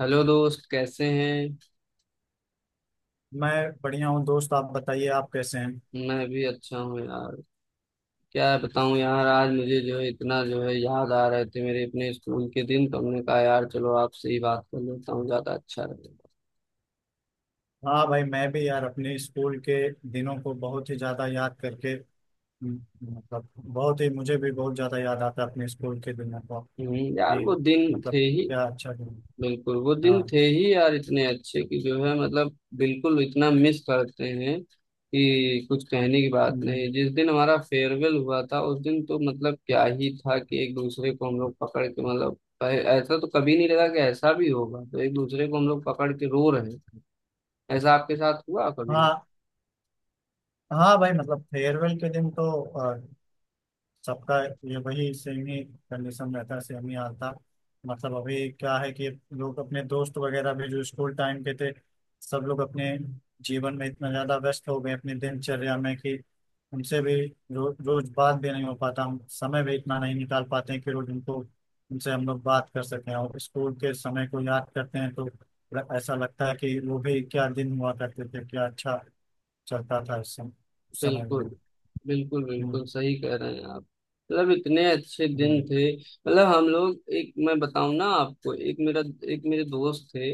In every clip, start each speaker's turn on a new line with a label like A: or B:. A: Hello दोस्त, कैसे हैं।
B: मैं बढ़िया हूँ दोस्त। आप बताइए आप कैसे हैं?
A: मैं भी अच्छा हूँ यार। क्या बताऊँ यार, आज मुझे जो है इतना जो है याद आ रहे थे मेरे अपने स्कूल के दिन, तो हमने कहा यार चलो आपसे ही बात कर लेता हूँ, ज्यादा अच्छा रहेगा।
B: हाँ भाई मैं भी यार अपने स्कूल के दिनों को बहुत ही ज़्यादा याद करके, हम्म, मतलब बहुत ही मुझे भी बहुत ज़्यादा याद आता है अपने स्कूल के दिनों को।
A: यार
B: कि
A: वो दिन
B: मतलब
A: थे ही।
B: क्या अच्छा दिन।
A: बिल्कुल वो दिन
B: हाँ।
A: थे ही यार, इतने अच्छे कि जो है मतलब बिल्कुल इतना मिस करते हैं कि कुछ कहने की बात
B: हम्म।
A: नहीं। जिस दिन हमारा फेयरवेल हुआ था, उस दिन तो मतलब क्या ही था कि एक दूसरे को हम लोग पकड़ के मतलब ऐसा तो कभी नहीं लगा कि ऐसा भी होगा, तो एक दूसरे को हम लोग पकड़ के रो रहे थे। ऐसा आपके साथ हुआ कभी?
B: हाँ। हाँ भाई मतलब फेयरवेल के दिन तो सबका ये वही सेम ही कंडीशन रहता है, सेम ही हाल था। मतलब अभी क्या है कि लोग अपने दोस्त वगैरह भी जो स्कूल टाइम के थे, सब लोग अपने जीवन में इतना ज्यादा व्यस्त हो गए अपनी दिनचर्या में कि उनसे भी रोज बात भी नहीं हो पाता। हम समय भी इतना नहीं निकाल पाते हैं कि रोज उनको उनसे हम लोग बात कर सकें, और स्कूल के समय को याद करते हैं तो ऐसा लगता है कि वो भी क्या दिन हुआ करते थे, क्या अच्छा चलता था उस समय, उस समय
A: बिल्कुल।
B: वो।
A: बिल्कुल
B: हम्म,
A: बिल्कुल सही कह रहे हैं आप। मतलब इतने अच्छे दिन
B: हम्म,
A: थे, मतलब हम लोग एक, मैं बताऊं ना आपको, एक मेरे दोस्त थे,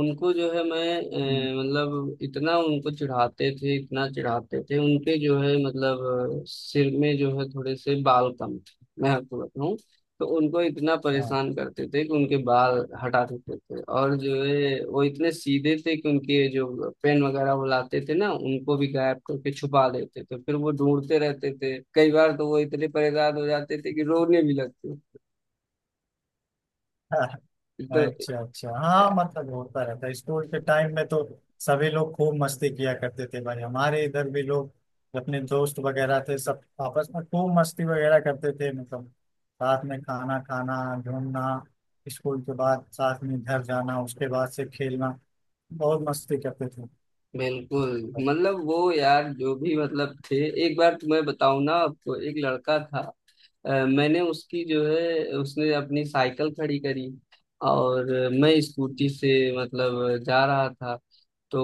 A: उनको जो है, मैं
B: हम्म,
A: मतलब इतना उनको चिढ़ाते थे, इतना चिढ़ाते थे, उनके जो है मतलब सिर में जो है थोड़े से बाल कम थे, मैं आपको बताऊं। तो उनको इतना
B: हाँ।
A: परेशान करते थे कि उनके बाल हटा देते थे, और जो है वो इतने सीधे थे कि उनके जो पेन वगैरह वो लाते थे ना, उनको भी गायब करके छुपा देते थे, फिर वो ढूंढते रहते थे। कई बार तो वो इतने परेशान हो जाते थे कि रोने भी लगते थे। तो
B: अच्छा अच्छा। हाँ मतलब होता रहता है स्कूल के टाइम में तो। सभी लोग खूब मस्ती किया करते थे भाई। हमारे इधर भी लोग, अपने दोस्त वगैरह थे सब, आपस में खूब मस्ती वगैरह करते थे। मतलब साथ में खाना खाना, घूमना, स्कूल के बाद साथ में घर जाना, उसके बाद से खेलना, बहुत मस्ती करते थे।
A: बिल्कुल। मतलब वो यार जो भी मतलब थे, एक बार तुम्हें बताऊं ना आपको, एक लड़का था। मैंने उसकी जो है, उसने अपनी साइकिल खड़ी करी, और मैं स्कूटी से मतलब जा रहा था। तो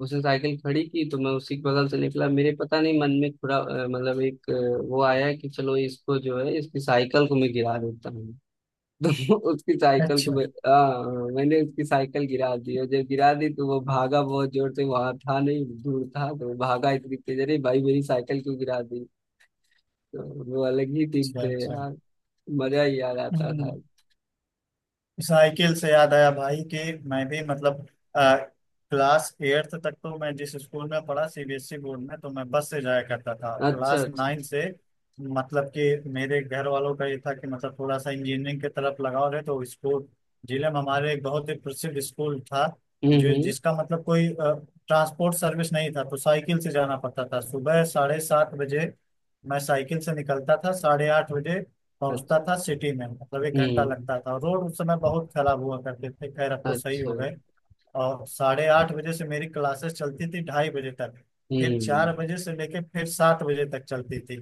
A: उसने साइकिल खड़ी की तो मैं उसी के बगल से निकला, मेरे पता नहीं मन में थोड़ा मतलब एक वो आया कि चलो इसको जो है, इसकी साइकिल को मैं गिरा देता हूँ। तो उसकी साइकिल को
B: अच्छा
A: मैंने उसकी साइकिल गिरा दी। और जब गिरा दी तो वो भागा बहुत जोर से, वहां था नहीं, दूर था, तो वो भागा इतनी तेज, अरे भाई मेरी साइकिल क्यों गिरा दी? तो वो अलग ही दिन
B: अच्छा।
A: थे
B: अच्छा।
A: यार, मजा ही याद आता था।
B: हम्म। साइकिल से याद आया भाई कि मैं भी मतलब आ, क्लास एट्थ तक तो मैं जिस स्कूल में पढ़ा सीबीएसई बोर्ड में, तो मैं बस से जाया करता था।
A: अच्छा
B: क्लास
A: अच्छा।
B: नाइन से मतलब कि मेरे घर वालों का ये था कि मतलब थोड़ा सा इंजीनियरिंग की तरफ लगाव रहे तो स्कूल, जिले में हमारे एक बहुत ही प्रसिद्ध स्कूल था जो,
A: हम्म।
B: जिसका मतलब कोई ट्रांसपोर्ट सर्विस नहीं था, तो साइकिल से जाना पड़ता था। सुबह 7:30 बजे मैं साइकिल से निकलता था, 8:30 बजे पहुंचता था
A: अच्छा।
B: सिटी में, मतलब 1 घंटा
A: हम्म।
B: लगता था। रोड उस समय बहुत खराब हुआ करते थे, खैर अब तो सही हो
A: अच्छा।
B: गए। और 8:30 बजे से मेरी क्लासेस चलती थी 2:30 बजे तक, फिर
A: हम्म।
B: 4 बजे से लेके फिर 7 बजे तक चलती थी।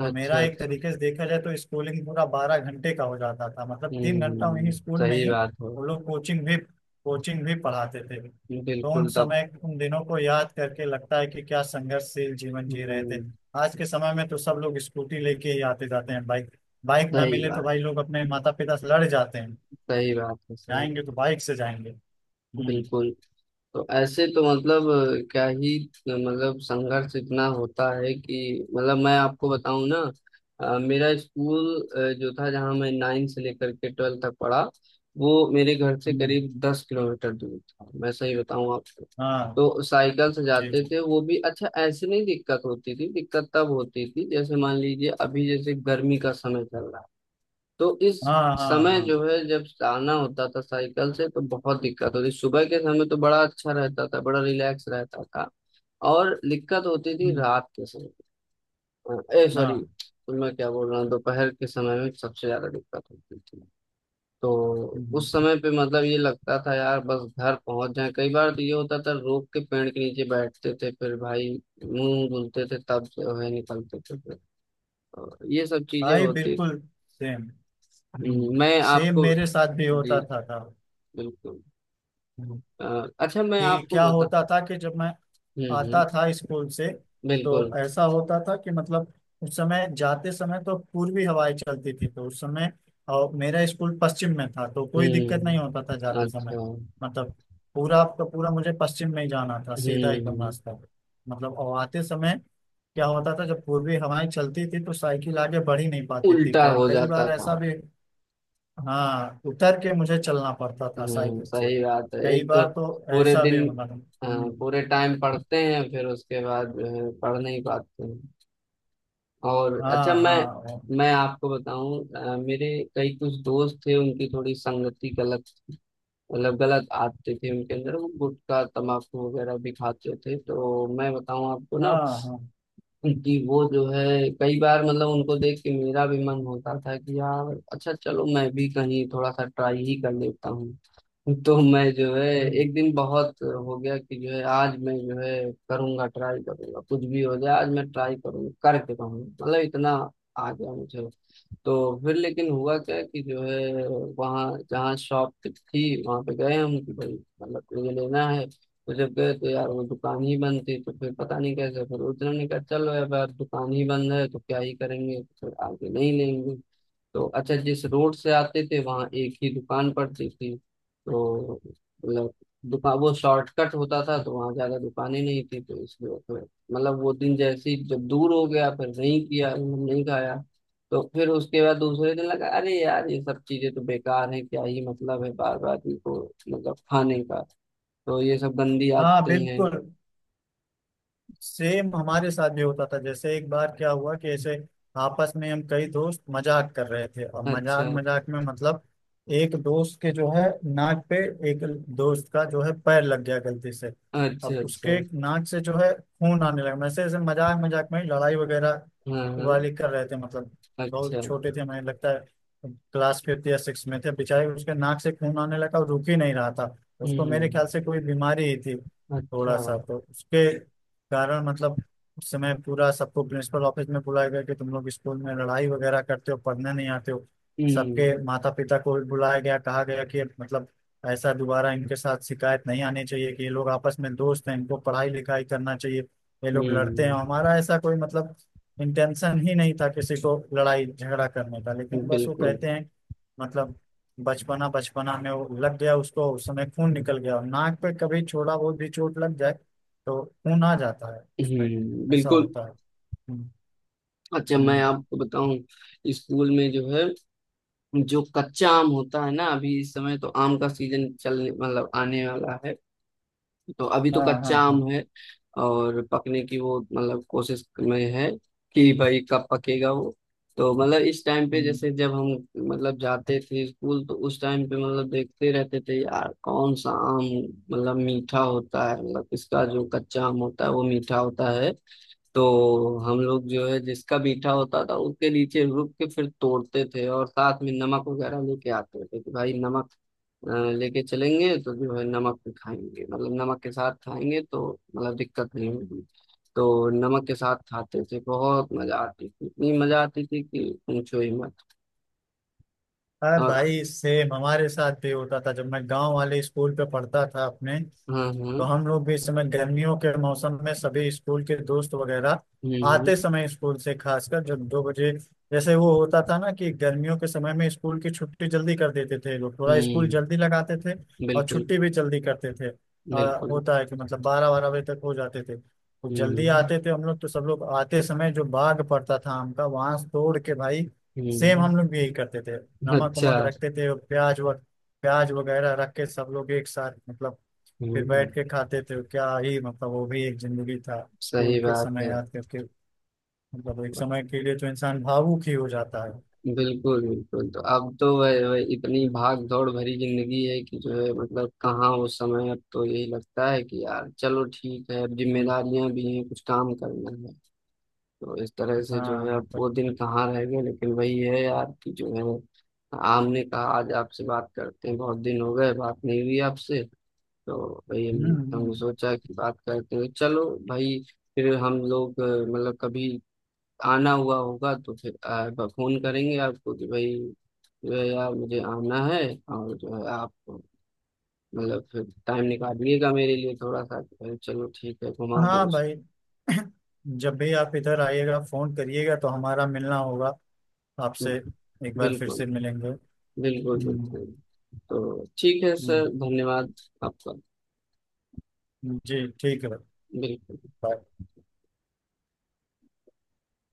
B: तो
A: अच्छा
B: मेरा एक
A: अच्छा।
B: तरीके से देखा जाए तो स्कूलिंग पूरा 12 घंटे का हो जाता था। मतलब 3 घंटा
A: हम्म,
B: वहीं स्कूल में
A: सही
B: ही
A: बात है।
B: वो लोग कोचिंग भी पढ़ाते थे। तो उन
A: बिल्कुल तब।
B: समय, उन दिनों को याद करके लगता है कि क्या संघर्षशील जीवन जी रहे थे।
A: हम्म,
B: आज के समय में तो सब लोग स्कूटी लेके ही आते जाते हैं, बाइक। बाइक ना
A: सही
B: मिले तो
A: बात।
B: भाई लोग अपने माता पिता से लड़ जाते हैं।
A: सही बात है सही।
B: जाएंगे तो बाइक से जाएंगे। हम्म।
A: बिल्कुल। तो ऐसे तो मतलब क्या ही, मतलब संघर्ष इतना होता है कि मतलब मैं आपको बताऊं ना। मेरा स्कूल जो था, जहाँ मैं 9th से लेकर के 12th तक पढ़ा, वो मेरे घर से करीब
B: हम्म।
A: 10 किलोमीटर दूर था, मैं सही बताऊं आपको।
B: हाँ।
A: तो साइकिल से
B: ठीक
A: जाते
B: है।
A: थे, वो भी अच्छा, ऐसे नहीं दिक्कत होती थी। दिक्कत तब होती थी जैसे मान लीजिए अभी जैसे गर्मी का समय चल रहा है, तो इस
B: हाँ हाँ
A: समय
B: हाँ।
A: जो है जब आना होता था साइकिल से तो बहुत दिक्कत होती। सुबह के समय तो बड़ा अच्छा रहता था, बड़ा रिलैक्स रहता था। और दिक्कत होती थी
B: हम्म।
A: रात के समय, ए सॉरी,
B: हाँ।
A: तो मैं क्या बोल रहा हूँ, दोपहर के समय में सबसे ज्यादा दिक्कत होती थी। तो
B: हम्म।
A: उस समय पे मतलब ये लगता था यार बस घर पहुंच जाए। कई बार तो ये होता था, रोक के पेड़ के नीचे बैठते थे, फिर भाई मुंह धुलते थे, तब जो है निकलते थे फिर, और ये सब चीजें
B: भाई
A: होती।
B: बिल्कुल सेम।
A: मैं
B: सेम
A: आपको,
B: मेरे साथ भी
A: जी,
B: होता था।
A: बिल्कुल।
B: हम्म,
A: अच्छा, मैं
B: कि
A: आपको
B: क्या
A: बता,
B: होता था कि जब मैं
A: हम्म।
B: आता था स्कूल से, तो
A: बिल्कुल।
B: ऐसा होता था कि मतलब उस समय जाते समय तो पूर्वी हवाएं चलती थी, तो उस समय, और मेरा स्कूल पश्चिम में था तो कोई दिक्कत
A: हम्म।
B: नहीं होता था जाते समय।
A: अच्छा।
B: मतलब पूरा आपका पूरा मुझे पश्चिम में ही जाना था, सीधा एकदम
A: हम्म।
B: रास्ता। मतलब और आते समय क्या होता था, जब पूर्वी हवाएं चलती थी तो साइकिल आगे बढ़ ही नहीं पाती थी,
A: उल्टा
B: कई
A: हो
B: कई
A: जाता
B: बार
A: था।
B: ऐसा भी। हाँ उतर के मुझे चलना पड़ता था
A: हम्म,
B: साइकिल से।
A: सही बात है।
B: कई
A: एक तो
B: बार तो
A: पूरे
B: ऐसा भी
A: दिन,
B: मतलब।
A: अ, पूरे टाइम पढ़ते हैं, फिर उसके बाद जो है, पढ़ नहीं पाते हैं। और
B: हाँ।
A: अच्छा, मैं
B: हाँ।
A: मैं आपको बताऊं, मेरे कई कुछ दोस्त थे, उनकी थोड़ी संगति गलत, मतलब गलत आदतें थी उनके अंदर। वो गुटखा तंबाकू वगैरह भी खाते थे, तो मैं बताऊं आपको ना
B: हाँ। हाँ।
A: जी, वो जो है कई बार मतलब उनको देख के मेरा भी मन होता था कि यार अच्छा चलो मैं भी कहीं थोड़ा सा ट्राई ही कर लेता हूँ। तो मैं जो है
B: हम्म,
A: एक दिन बहुत हो गया कि जो है आज मैं जो है करूँगा, ट्राई करूँगा, कुछ भी हो जाए आज मैं ट्राई करूँगा करके कहूँगा, मतलब इतना आ गया मुझे। तो फिर लेकिन हुआ क्या कि जो है, वहाँ जहाँ शॉप थी वहाँ पे गए हम कि भाई मतलब ये लेना है। तो जब गए तो यार वो दुकान ही बंद थी। तो फिर पता नहीं कैसे फिर उस दिन हमने कहा चलो अब यार दुकान ही बंद है तो क्या ही करेंगे, तो फिर आगे नहीं लेंगे। तो अच्छा, जिस रोड से आते थे वहाँ एक ही दुकान पड़ती थी, तो मतलब दुकान वो शॉर्टकट होता था, तो वहाँ ज्यादा दुकानें नहीं थी, तो इसलिए फिर मतलब वो दिन जैसे ही जब दूर हो गया, फिर नहीं किया, नहीं खाया। तो फिर उसके बाद दूसरे दिन लगा अरे यार ये सब चीजें तो बेकार हैं, क्या ही मतलब है बार बार इनको, मतलब खाने का। तो ये सब गंदी
B: हाँ
A: आदतें हैं।
B: बिल्कुल। सेम हमारे साथ भी होता था। जैसे एक बार क्या हुआ कि ऐसे आपस में हम कई दोस्त मजाक कर रहे थे, और मजाक
A: अच्छा
B: मजाक में मतलब एक दोस्त के जो है नाक पे, एक दोस्त का जो है पैर लग गया गलती से। अब
A: अच्छा। अच्छा।
B: उसके नाक से जो है खून आने लगा। वैसे ऐसे मजाक मजाक में ही लड़ाई वगैरह
A: हाँ हाँ।
B: वाली कर रहे थे, मतलब बहुत
A: अच्छा।
B: छोटे थे। मुझे लगता है क्लास फिफ्थ या सिक्स में थे। बेचारे उसके नाक से खून आने लगा और रुक ही नहीं रहा था। उसको मेरे
A: हम्म।
B: ख्याल से कोई बीमारी ही थी
A: अच्छा।
B: थोड़ा सा, तो उसके कारण मतलब उस समय पूरा सबको प्रिंसिपल ऑफिस में बुलाया गया कि तुम लोग स्कूल में लड़ाई वगैरह करते हो, पढ़ने नहीं आते हो।
A: हम्म
B: सबके माता पिता को भी बुलाया गया, कहा गया कि मतलब ऐसा दोबारा इनके साथ शिकायत नहीं आनी चाहिए कि ये लोग आपस में दोस्त हैं, इनको पढ़ाई लिखाई करना चाहिए, ये लोग लड़ते हैं।
A: हम्म।
B: हमारा ऐसा कोई मतलब इंटेंशन ही नहीं था किसी को लड़ाई झगड़ा करने का, लेकिन बस वो
A: बिल्कुल।
B: कहते हैं मतलब बचपना बचपना में वो लग गया उसको, उस समय खून निकल गया नाक पे। कभी छोड़ा बहुत भी चोट लग जाए तो खून आ जाता है उसमें,
A: हम्म।
B: ऐसा
A: बिल्कुल।
B: होता है। हम्म,
A: अच्छा, मैं
B: हम्म,
A: आपको बताऊं, स्कूल में जो है, जो कच्चा आम होता है ना, अभी इस समय तो आम का सीजन चलने, मतलब आने वाला है। तो अभी तो
B: हाँ। हाँ।
A: कच्चा आम
B: हाँ।
A: है और पकने की वो मतलब कोशिश में है कि भाई कब पकेगा वो। तो मतलब इस टाइम पे
B: हम्म।
A: जैसे जब हम मतलब जाते थे स्कूल, तो उस टाइम पे मतलब देखते रहते थे यार कौन सा आम मतलब मीठा होता है, मतलब इसका जो कच्चा आम होता है वो मीठा होता है। तो हम लोग जो है जिसका मीठा होता था उसके नीचे रुक के फिर तोड़ते थे, और साथ में नमक वगैरह लेके आते थे कि भाई नमक अ, लेके चलेंगे, तो जो है नमक भी खाएंगे, मतलब नमक के साथ खाएंगे तो मतलब दिक्कत नहीं होगी। तो नमक के साथ खाते थे, बहुत मजा आती थी, इतनी मजा आती थी कि पूछो ही मत।
B: अरे
A: और
B: भाई सेम हमारे साथ भी होता था जब मैं गांव वाले स्कूल पे पढ़ता था अपने,
A: हाँ हाँ।
B: तो हम लोग भी इस समय गर्मियों के मौसम में सभी स्कूल के दोस्त वगैरह
A: हम्म।
B: आते समय स्कूल से, खासकर जब 2 बजे, जैसे वो होता था ना कि गर्मियों के समय में स्कूल की छुट्टी जल्दी कर देते थे लोग। थोड़ा स्कूल जल्दी
A: हम्म,
B: लगाते थे और
A: बिल्कुल।
B: छुट्टी भी जल्दी करते थे।
A: बिल्कुल।
B: होता है कि मतलब 12-12 बजे तक हो जाते थे, तो जल्दी
A: हम्म
B: आते थे हम लोग, तो सब लोग आते समय जो बाग पड़ता था आम का वहां से तोड़ के भाई, सेम
A: हम्म।
B: हम लोग भी यही करते थे। नमक
A: अच्छा।
B: वमक रखते थे और प्याज व प्याज वगैरह रख के सब लोग एक साथ मतलब फिर बैठ
A: हम्म,
B: के खाते थे। क्या ही मतलब, वो भी एक जिंदगी था स्कूल
A: सही
B: के
A: बात
B: समय
A: है।
B: याद करके। मतलब एक समय के लिए तो इंसान भावुक ही हो जाता है।
A: बिल्कुल बिल्कुल। तो अब तो वह इतनी
B: हम्म।
A: भाग दौड़ भरी जिंदगी है कि जो है मतलब कहाँ वो समय। अब तो यही लगता है कि यार चलो ठीक है, अब
B: हम्म।
A: जिम्मेदारियां भी हैं, कुछ काम करना है। तो इस तरह से जो
B: हाँ
A: है अब वो
B: मतलब।
A: दिन कहाँ रह गए। लेकिन वही है यार कि जो है हमने कहा आज आपसे बात करते हैं, बहुत दिन हो गए बात नहीं हुई आपसे। तो वही
B: हम्म।
A: हमने
B: हम्म।
A: सोचा कि बात करते हैं, चलो भाई। फिर हम लोग मतलब कभी आना हुआ होगा तो फिर फोन करेंगे आपको कि भाई जो है यार मुझे आना है, और जो है आप मतलब फिर टाइम निकालिएगा मेरे लिए थोड़ा सा, अरे चलो ठीक है घुमा दो
B: हाँ
A: इसको।
B: भाई। जब भी आप इधर आइएगा फोन करिएगा तो हमारा मिलना होगा आपसे, एक बार फिर
A: बिल्कुल
B: से मिलेंगे।
A: बिल्कुल
B: हम्म।
A: बिल्कुल। तो ठीक है
B: हम्म।
A: सर, धन्यवाद आपका।
B: हम्म। जी ठीक है भाई।
A: बिल्कुल।
B: बाय।